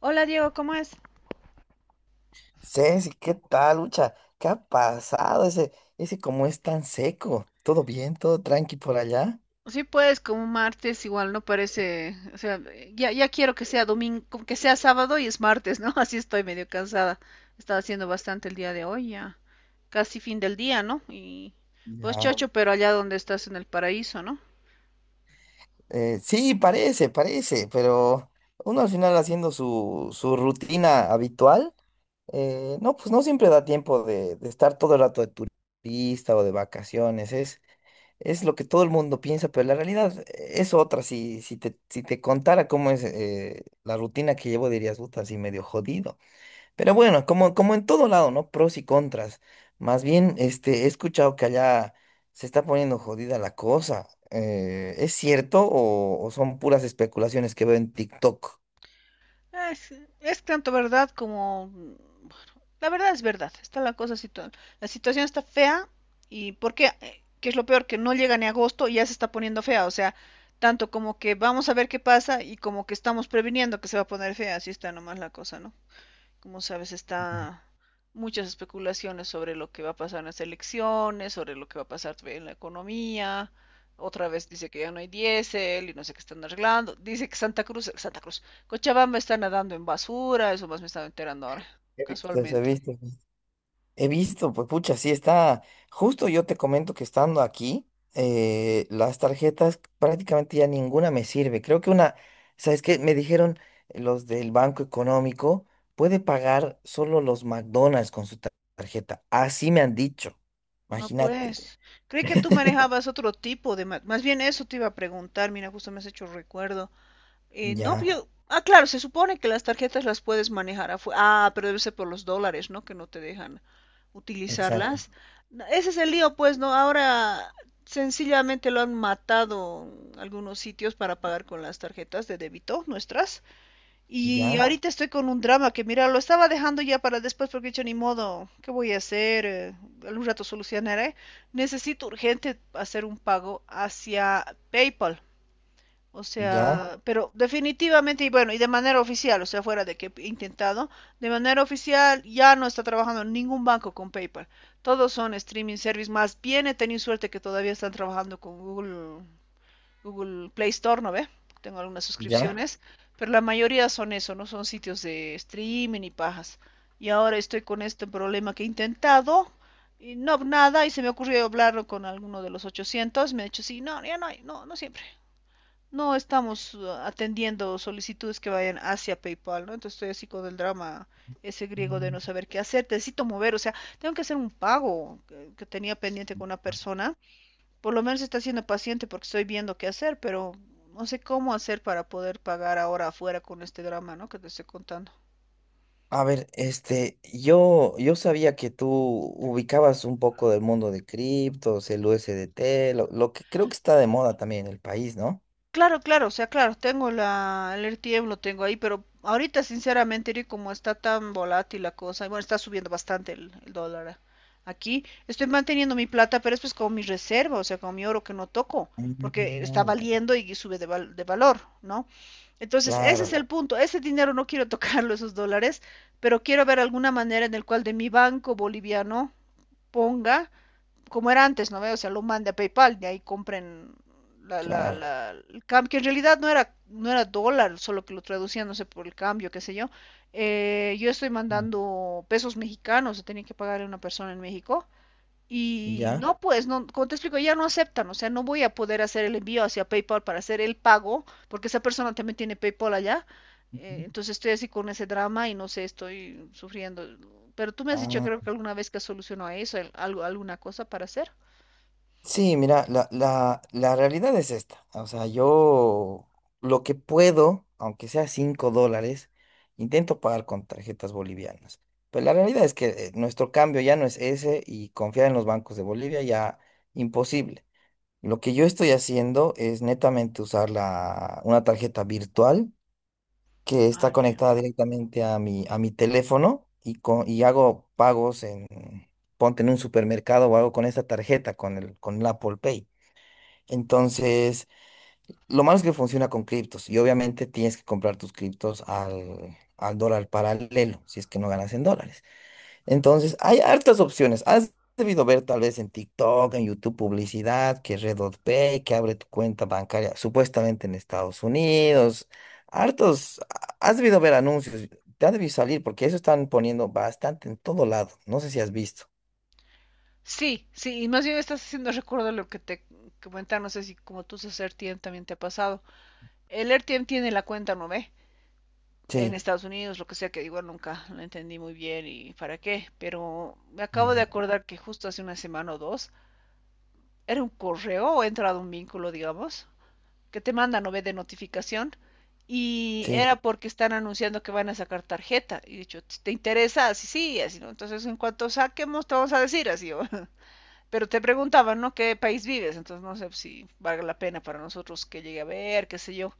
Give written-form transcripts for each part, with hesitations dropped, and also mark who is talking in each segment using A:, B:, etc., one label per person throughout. A: Hola Diego, ¿cómo es?
B: Ceci, ¿qué tal, Lucha? ¿Qué ha pasado? Ese cómo es tan seco. ¿Todo bien? ¿Todo tranqui por allá?
A: Sí, pues como martes igual no parece, o sea, ya, ya quiero que sea domingo, que sea sábado y es martes, ¿no? Así estoy medio cansada. Estaba haciendo bastante el día de hoy, ya casi fin del día, ¿no? Y pues, no,
B: Ya.
A: chocho, pero allá donde estás en el paraíso, ¿no?
B: Sí, parece, parece, pero uno al final haciendo su rutina habitual, no, pues no siempre da tiempo de estar todo el rato de turista o de vacaciones. Es lo que todo el mundo piensa, pero la realidad es otra. Si te contara cómo es la rutina que llevo, dirías, puta, así medio jodido. Pero bueno, como en todo lado, ¿no? Pros y contras. Más bien, este, he escuchado que allá se está poniendo jodida la cosa. ¿Es cierto o son puras especulaciones que veo en TikTok?
A: Es, es tanto verdad como... Bueno, la verdad es verdad. Está la cosa, la situación está fea. ¿Y por qué? ¿Qué es lo peor? Que no llega ni agosto y ya se está poniendo fea. O sea, tanto como que vamos a ver qué pasa y como que estamos previniendo que se va a poner fea. Así está nomás la cosa, ¿no? Como sabes, está muchas especulaciones sobre lo que va a pasar en las elecciones, sobre lo que va a pasar en la economía. Otra vez dice que ya no hay diésel y no sé qué están arreglando. Dice que Santa Cruz, Cochabamba está nadando en basura, eso más me estaba enterando ahora,
B: He visto eso, he
A: casualmente.
B: visto. He visto, pues pucha, sí está. Justo yo te comento que estando aquí, las tarjetas prácticamente ya ninguna me sirve. Creo que una, ¿sabes qué? Me dijeron los del Banco Económico, puede pagar solo los McDonald's con su tarjeta. Así me han dicho.
A: No,
B: Imagínate.
A: pues, creí que tú manejabas otro tipo de... Más bien eso te iba a preguntar, mira, justo me has hecho recuerdo. No,
B: Ya,
A: ah, claro, se supone que las tarjetas las puedes manejar afuera. Ah, pero debe ser por los dólares, ¿no? Que no te dejan
B: exacto.
A: utilizarlas. No, ese es el lío, pues, ¿no? Ahora sencillamente lo han matado algunos sitios para pagar con las tarjetas de débito nuestras. Y ya,
B: Ya,
A: ahorita estoy con un drama que, mira, lo estaba dejando ya para después porque he dicho, ni modo, ¿qué voy a hacer? Algún rato solucionaré. Necesito urgente hacer un pago hacia PayPal. O
B: ya,
A: sea, pero definitivamente, y bueno, y de manera oficial, o sea, fuera de que he intentado, de manera oficial ya no está trabajando ningún banco con PayPal. Todos son streaming service. Más bien he tenido suerte que todavía están trabajando con Google, Google Play Store, ¿no ve? Tengo algunas
B: ya.
A: suscripciones, pero la mayoría son eso, ¿no? Son sitios de streaming y pajas. Y ahora estoy con este problema que he intentado, y no, nada, y se me ocurrió hablarlo con alguno de los 800, me ha dicho, sí, no, ya no hay, no, no siempre. No estamos atendiendo solicitudes que vayan hacia PayPal, ¿no? Entonces estoy así con el drama ese griego de no saber qué hacer. Necesito mover, o sea, tengo que hacer un pago que tenía pendiente con una persona. Por lo menos está siendo paciente porque estoy viendo qué hacer, pero no sé cómo hacer para poder pagar ahora afuera con este drama, ¿no? Que te estoy contando.
B: A ver, este, yo sabía que tú ubicabas un poco del mundo de criptos, el USDT, lo que creo que está de moda también en el país, ¿no?
A: Claro, claro, o sea, claro, tengo el RTM, lo tengo ahí, pero ahorita sinceramente, Eri, como está tan volátil la cosa, y bueno, está subiendo bastante el dólar aquí, estoy manteniendo mi plata, pero es pues con mi reserva, o sea, con mi oro que no toco, porque
B: Ah,
A: está
B: ya.
A: valiendo y sube de valor, ¿no? Entonces, ese es
B: Claro,
A: el punto, ese dinero no quiero tocarlo, esos dólares, pero quiero ver alguna manera en el cual de mi banco boliviano ponga como era antes, ¿no ve? O sea, lo mande a PayPal, de ahí compren la, la,
B: claro.
A: la, el cambio, que en realidad no era, no era dólar, solo que lo traducían, no sé, por el cambio, qué sé yo. Yo estoy
B: Mm.
A: mandando pesos mexicanos, tenía que pagarle a una persona en México y
B: Ya.
A: no, pues, no, como te explico, ya no aceptan, o sea, no voy a poder hacer el envío hacia PayPal para hacer el pago, porque esa persona también tiene PayPal allá.
B: Ujú.
A: Entonces estoy así con ese drama y no sé, estoy sufriendo. Pero tú me has dicho, creo que alguna vez que solucionó eso, algo, alguna cosa para hacer.
B: Sí, mira, la realidad es esta. O sea, yo lo que puedo, aunque sea $5, intento pagar con tarjetas bolivianas. Pero la realidad es que nuestro cambio ya no es ese y confiar en los bancos de Bolivia ya imposible. Lo que yo estoy haciendo es netamente usar la, una tarjeta virtual que
A: Ah,
B: está
A: ya.
B: conectada directamente a mi teléfono y, y hago pagos en, ponte, en un supermercado, o hago con esta tarjeta, con el Apple Pay. Entonces, lo malo es que funciona con criptos y obviamente tienes que comprar tus criptos al dólar paralelo, si es que no ganas en dólares. Entonces, hay hartas opciones. Has debido ver tal vez en TikTok, en YouTube, publicidad, que Redot Pay, que abre tu cuenta bancaria, supuestamente en Estados Unidos. Hartos, has debido ver anuncios, te ha debido salir porque eso están poniendo bastante en todo lado. No sé si has visto.
A: Sí, sí, y más bien estás haciendo recuerdo de lo que te comentaba, no sé si como tú usas RTM también te ha pasado. El RTM tiene la cuenta, ¿no ve? En
B: Sí,
A: Estados Unidos, lo que sea, que igual nunca lo entendí muy bien y para qué, pero me acabo de
B: ya,
A: acordar que justo hace una semana o dos era un correo o he entrado un vínculo, digamos, que te mandan no ve de notificación y
B: sí.
A: era porque están anunciando que van a sacar tarjeta y dicho, ¿te interesa? Así sí, así no. Entonces, en cuanto saquemos, te vamos a decir así. ¿O? Pero te preguntaban, ¿no? ¿Qué país vives? Entonces, no sé si valga la pena para nosotros que llegue a ver, qué sé yo,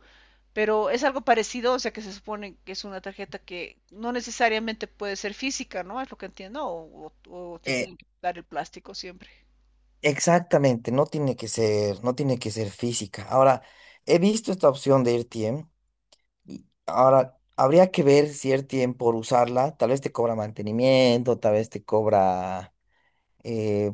A: pero es algo parecido, o sea que se supone que es una tarjeta que no necesariamente puede ser física, ¿no? Es lo que entiendo, o, o te tienen que dar el plástico siempre.
B: Exactamente, no tiene que ser, no tiene que ser física. Ahora, he visto esta opción de RTM y ahora habría que ver si RTM, por usarla, tal vez te cobra mantenimiento, tal vez te cobra eh,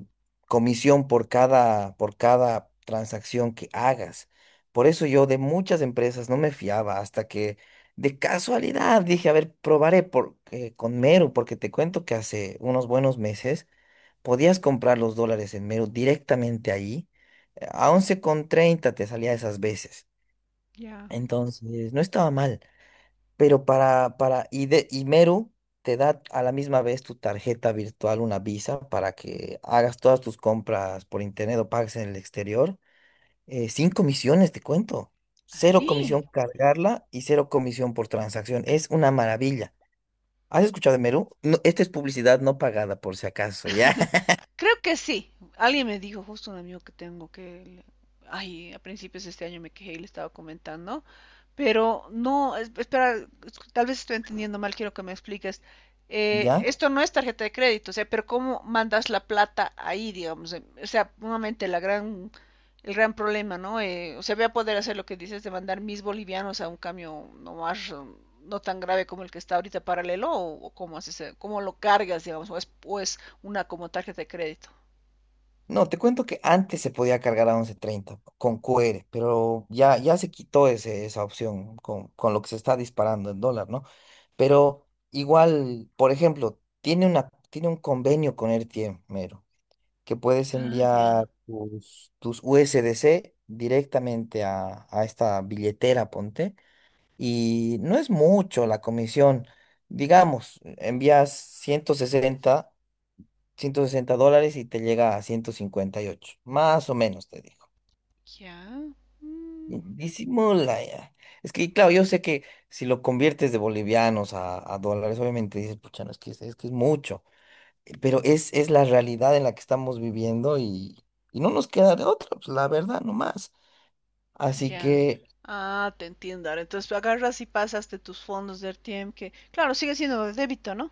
B: comisión por cada transacción que hagas. Por eso yo de muchas empresas no me fiaba hasta que de casualidad dije, a ver, probaré con Meru, porque te cuento que hace unos buenos meses podías comprar los dólares en Meru directamente ahí. A 11,30 te salía esas veces.
A: Ya.
B: Entonces, no estaba mal. Pero y Meru te da a la misma vez tu tarjeta virtual, una Visa, para que hagas todas tus compras por internet o pagues en el exterior. Sin comisiones, te cuento. Cero
A: Así.
B: comisión cargarla y cero comisión por transacción. Es una maravilla. ¿Has escuchado de Meru? No, esta es publicidad no pagada, por si acaso, ¿ya?
A: Creo que sí. Alguien me dijo, justo un amigo que tengo que, ay, a principios de este año me quejé y le estaba comentando, pero no, espera, tal vez estoy entendiendo mal, quiero que me expliques.
B: ¿Ya?
A: Esto no es tarjeta de crédito, o sea, pero ¿cómo mandas la plata ahí, digamos? O sea, nuevamente el gran problema, ¿no? O sea, voy a poder hacer lo que dices de mandar mis bolivianos a un cambio no más, no tan grave como el que está ahorita paralelo, o cómo haces, cómo lo cargas, digamos, o es una como tarjeta de crédito.
B: No, te cuento que antes se podía cargar a 11,30 con QR, pero ya, ya se quitó ese, esa opción con lo que se está disparando el dólar, ¿no? Pero igual, por ejemplo, tiene una, tiene un convenio con RTM, mero, que puedes
A: Ah, ya,
B: enviar tus USDC directamente a esta billetera, ponte, y no es mucho la comisión. Digamos, envías ciento sesenta dólares y te llega a 158 más o menos, te digo.
A: ya.
B: Y
A: Mm,
B: disimula ya. Es que, claro, yo sé que si lo conviertes de bolivianos a dólares, obviamente dices, pucha, no, es que es mucho. Pero es la realidad en la que estamos viviendo, y, no nos queda de otra, pues la verdad, nomás. Así
A: ya.
B: que,
A: Ah, te entiendo. Ahora, entonces agarras y pasas de tus fondos de RTM, que claro, sigue siendo de débito, ¿no?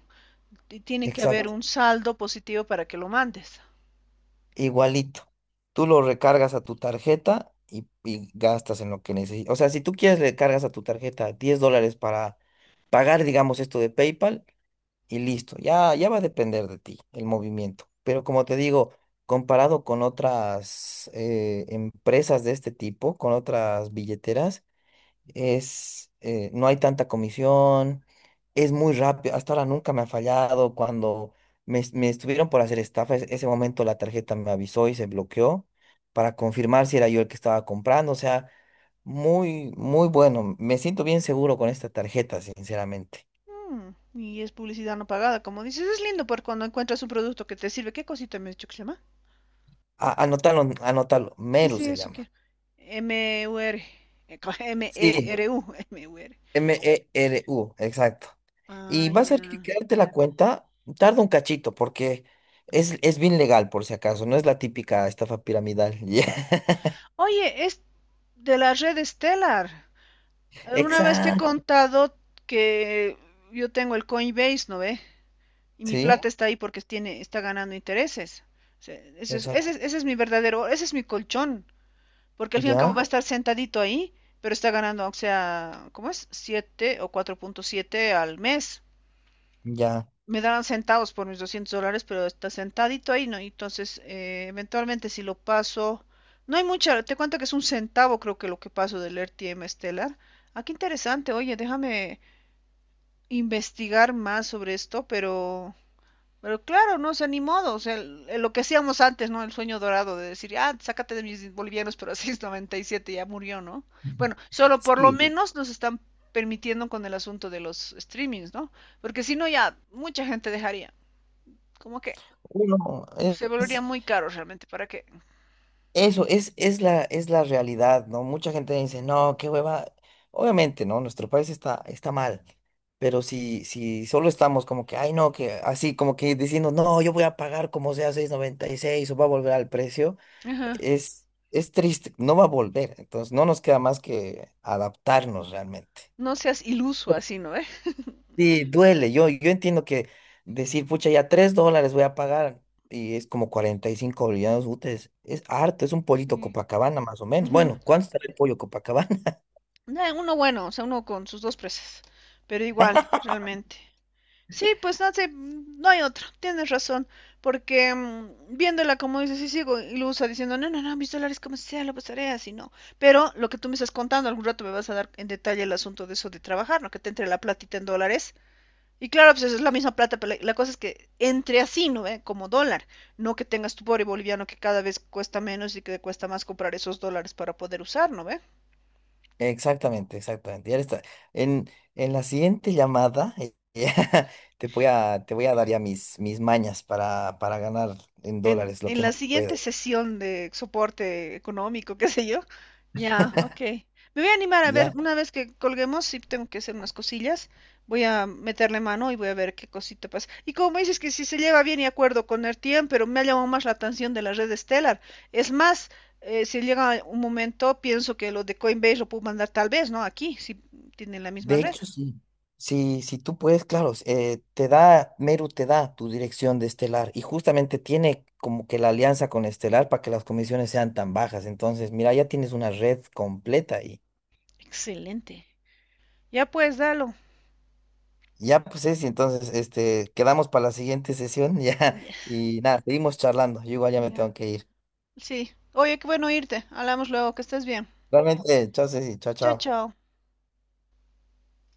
A: Y tiene que haber
B: exacto.
A: un saldo positivo para que lo mandes.
B: Igualito. Tú lo recargas a tu tarjeta y gastas en lo que necesitas. O sea, si tú quieres, le cargas a tu tarjeta $10 para pagar, digamos, esto de PayPal y listo. Ya, ya va a depender de ti el movimiento. Pero como te digo, comparado con otras empresas de este tipo, con otras billeteras, no hay tanta comisión, es muy rápido, hasta ahora nunca me ha fallado. Cuando me estuvieron por hacer estafa, ese momento la tarjeta me avisó y se bloqueó para confirmar si era yo el que estaba comprando. O sea, muy, muy bueno, me siento bien seguro con esta tarjeta, sinceramente.
A: Mm, y es publicidad no pagada, como dices. Es lindo porque cuando encuentras un producto que te sirve, ¿qué cosita me has dicho que se llama?
B: Anótalo, anótalo,
A: Sí,
B: Meru
A: sí,
B: se
A: eso
B: llama.
A: quiero. M-U-R. Eh,
B: Sí,
A: M-E-R-U. M-U-R.
B: Meru, exacto.
A: Ah,
B: Y vas a tener que
A: ya.
B: crearte la cuenta, tarda un cachito, porque es bien legal, por si acaso, no es la típica estafa piramidal. Ya.
A: Oye, es de la red Stellar. Alguna vez te he
B: Exacto,
A: contado que yo tengo el Coinbase, ¿no ve? Y mi
B: sí,
A: plata está ahí porque tiene, está ganando intereses. O sea, ese es, ese
B: exacto.
A: es- ese es mi verdadero, ese es mi colchón, porque al fin y al cabo va
B: Ya,
A: a estar sentadito ahí, pero está ganando, o sea, ¿cómo es? 7 o 4,7 al mes.
B: ya.
A: Me darán centavos por mis 200 dólares, pero está sentadito ahí, ¿no? Y entonces, eventualmente si lo paso, no hay mucha, te cuento que es un centavo creo que lo que paso del RTM Stellar. Ah, qué interesante, oye, déjame... investigar más sobre esto, pero claro, no sé, ni modo, o sea, lo que hacíamos antes, ¿no? El sueño dorado de decir, ah, sácate de mis bolivianos, pero a 6,97 ya murió, ¿no? Bueno, solo por lo
B: Sí,
A: menos nos están permitiendo con el asunto de los streamings, ¿no? Porque si no, ya mucha gente dejaría, como que
B: uno
A: se volvería
B: es.
A: muy caro realmente, ¿para qué?
B: Eso es la realidad, ¿no? Mucha gente dice, no, qué hueva. Obviamente, ¿no? Nuestro país está mal, pero si solo estamos como que, ay, no, que así, como que diciendo, no, yo voy a pagar como sea 6,96, o va a volver al precio.
A: Ajá.
B: Es triste, no va a volver. Entonces, no nos queda más que adaptarnos realmente.
A: No seas iluso así, ¿no? ¿Eh?
B: Sí, duele. Yo entiendo que decir, pucha, ya $3 voy a pagar y es como 45 bolivianos útiles. Es harto, es un pollito
A: Sí.
B: Copacabana más o menos.
A: Ujú.
B: Bueno, ¿cuánto está el pollo Copacabana?
A: Nah, uno bueno, o sea, uno con sus dos presas, pero igual, realmente. Sí, pues no sé, mm, no hay otra, tienes razón, porque mm, viéndola como dices, sí sigo ilusa diciendo, no, no, no, mis dólares como sea, lo pasaré así, no. Pero lo que tú me estás contando, algún rato me vas a dar en detalle el asunto de eso de trabajar, ¿no? Que te entre la platita en dólares. Y claro, pues es la misma plata, pero la cosa es que entre así, ¿no ve? Como dólar, no que tengas tu pobre boliviano que cada vez cuesta menos y que te cuesta más comprar esos dólares para poder usar, ¿no ve?
B: Exactamente, exactamente. Ya está. En, en la siguiente llamada ya te voy a dar ya mis mañas para ganar en dólares lo
A: En
B: que
A: la
B: más pueda.
A: siguiente sesión de soporte económico, qué sé yo. Ya, ok. Me voy a animar a ver,
B: Ya.
A: una vez que colguemos, si tengo que hacer unas cosillas, voy a meterle mano y voy a ver qué cosita pasa. Y como dices que si se lleva bien y acuerdo con Ertien, pero me ha llamado más la atención de la red Stellar. Es más, si llega un momento, pienso que lo de Coinbase lo puedo mandar tal vez, ¿no? Aquí, si tienen la misma
B: De
A: red.
B: hecho, sí. Si tú puedes, claro, Meru te da tu dirección de Estelar, y justamente tiene como que la alianza con Estelar para que las comisiones sean tan bajas. Entonces, mira, ya tienes una red completa, y
A: Excelente. Ya pues, dalo.
B: ya pues y entonces, este, quedamos para la siguiente sesión ya,
A: Ya,
B: y nada, seguimos charlando. Yo igual ya me
A: ya.
B: tengo que ir.
A: Sí. Oye, qué bueno irte. Hablamos luego, que estés bien.
B: Realmente, chao, Ceci, chao,
A: Chao,
B: chao.
A: chao.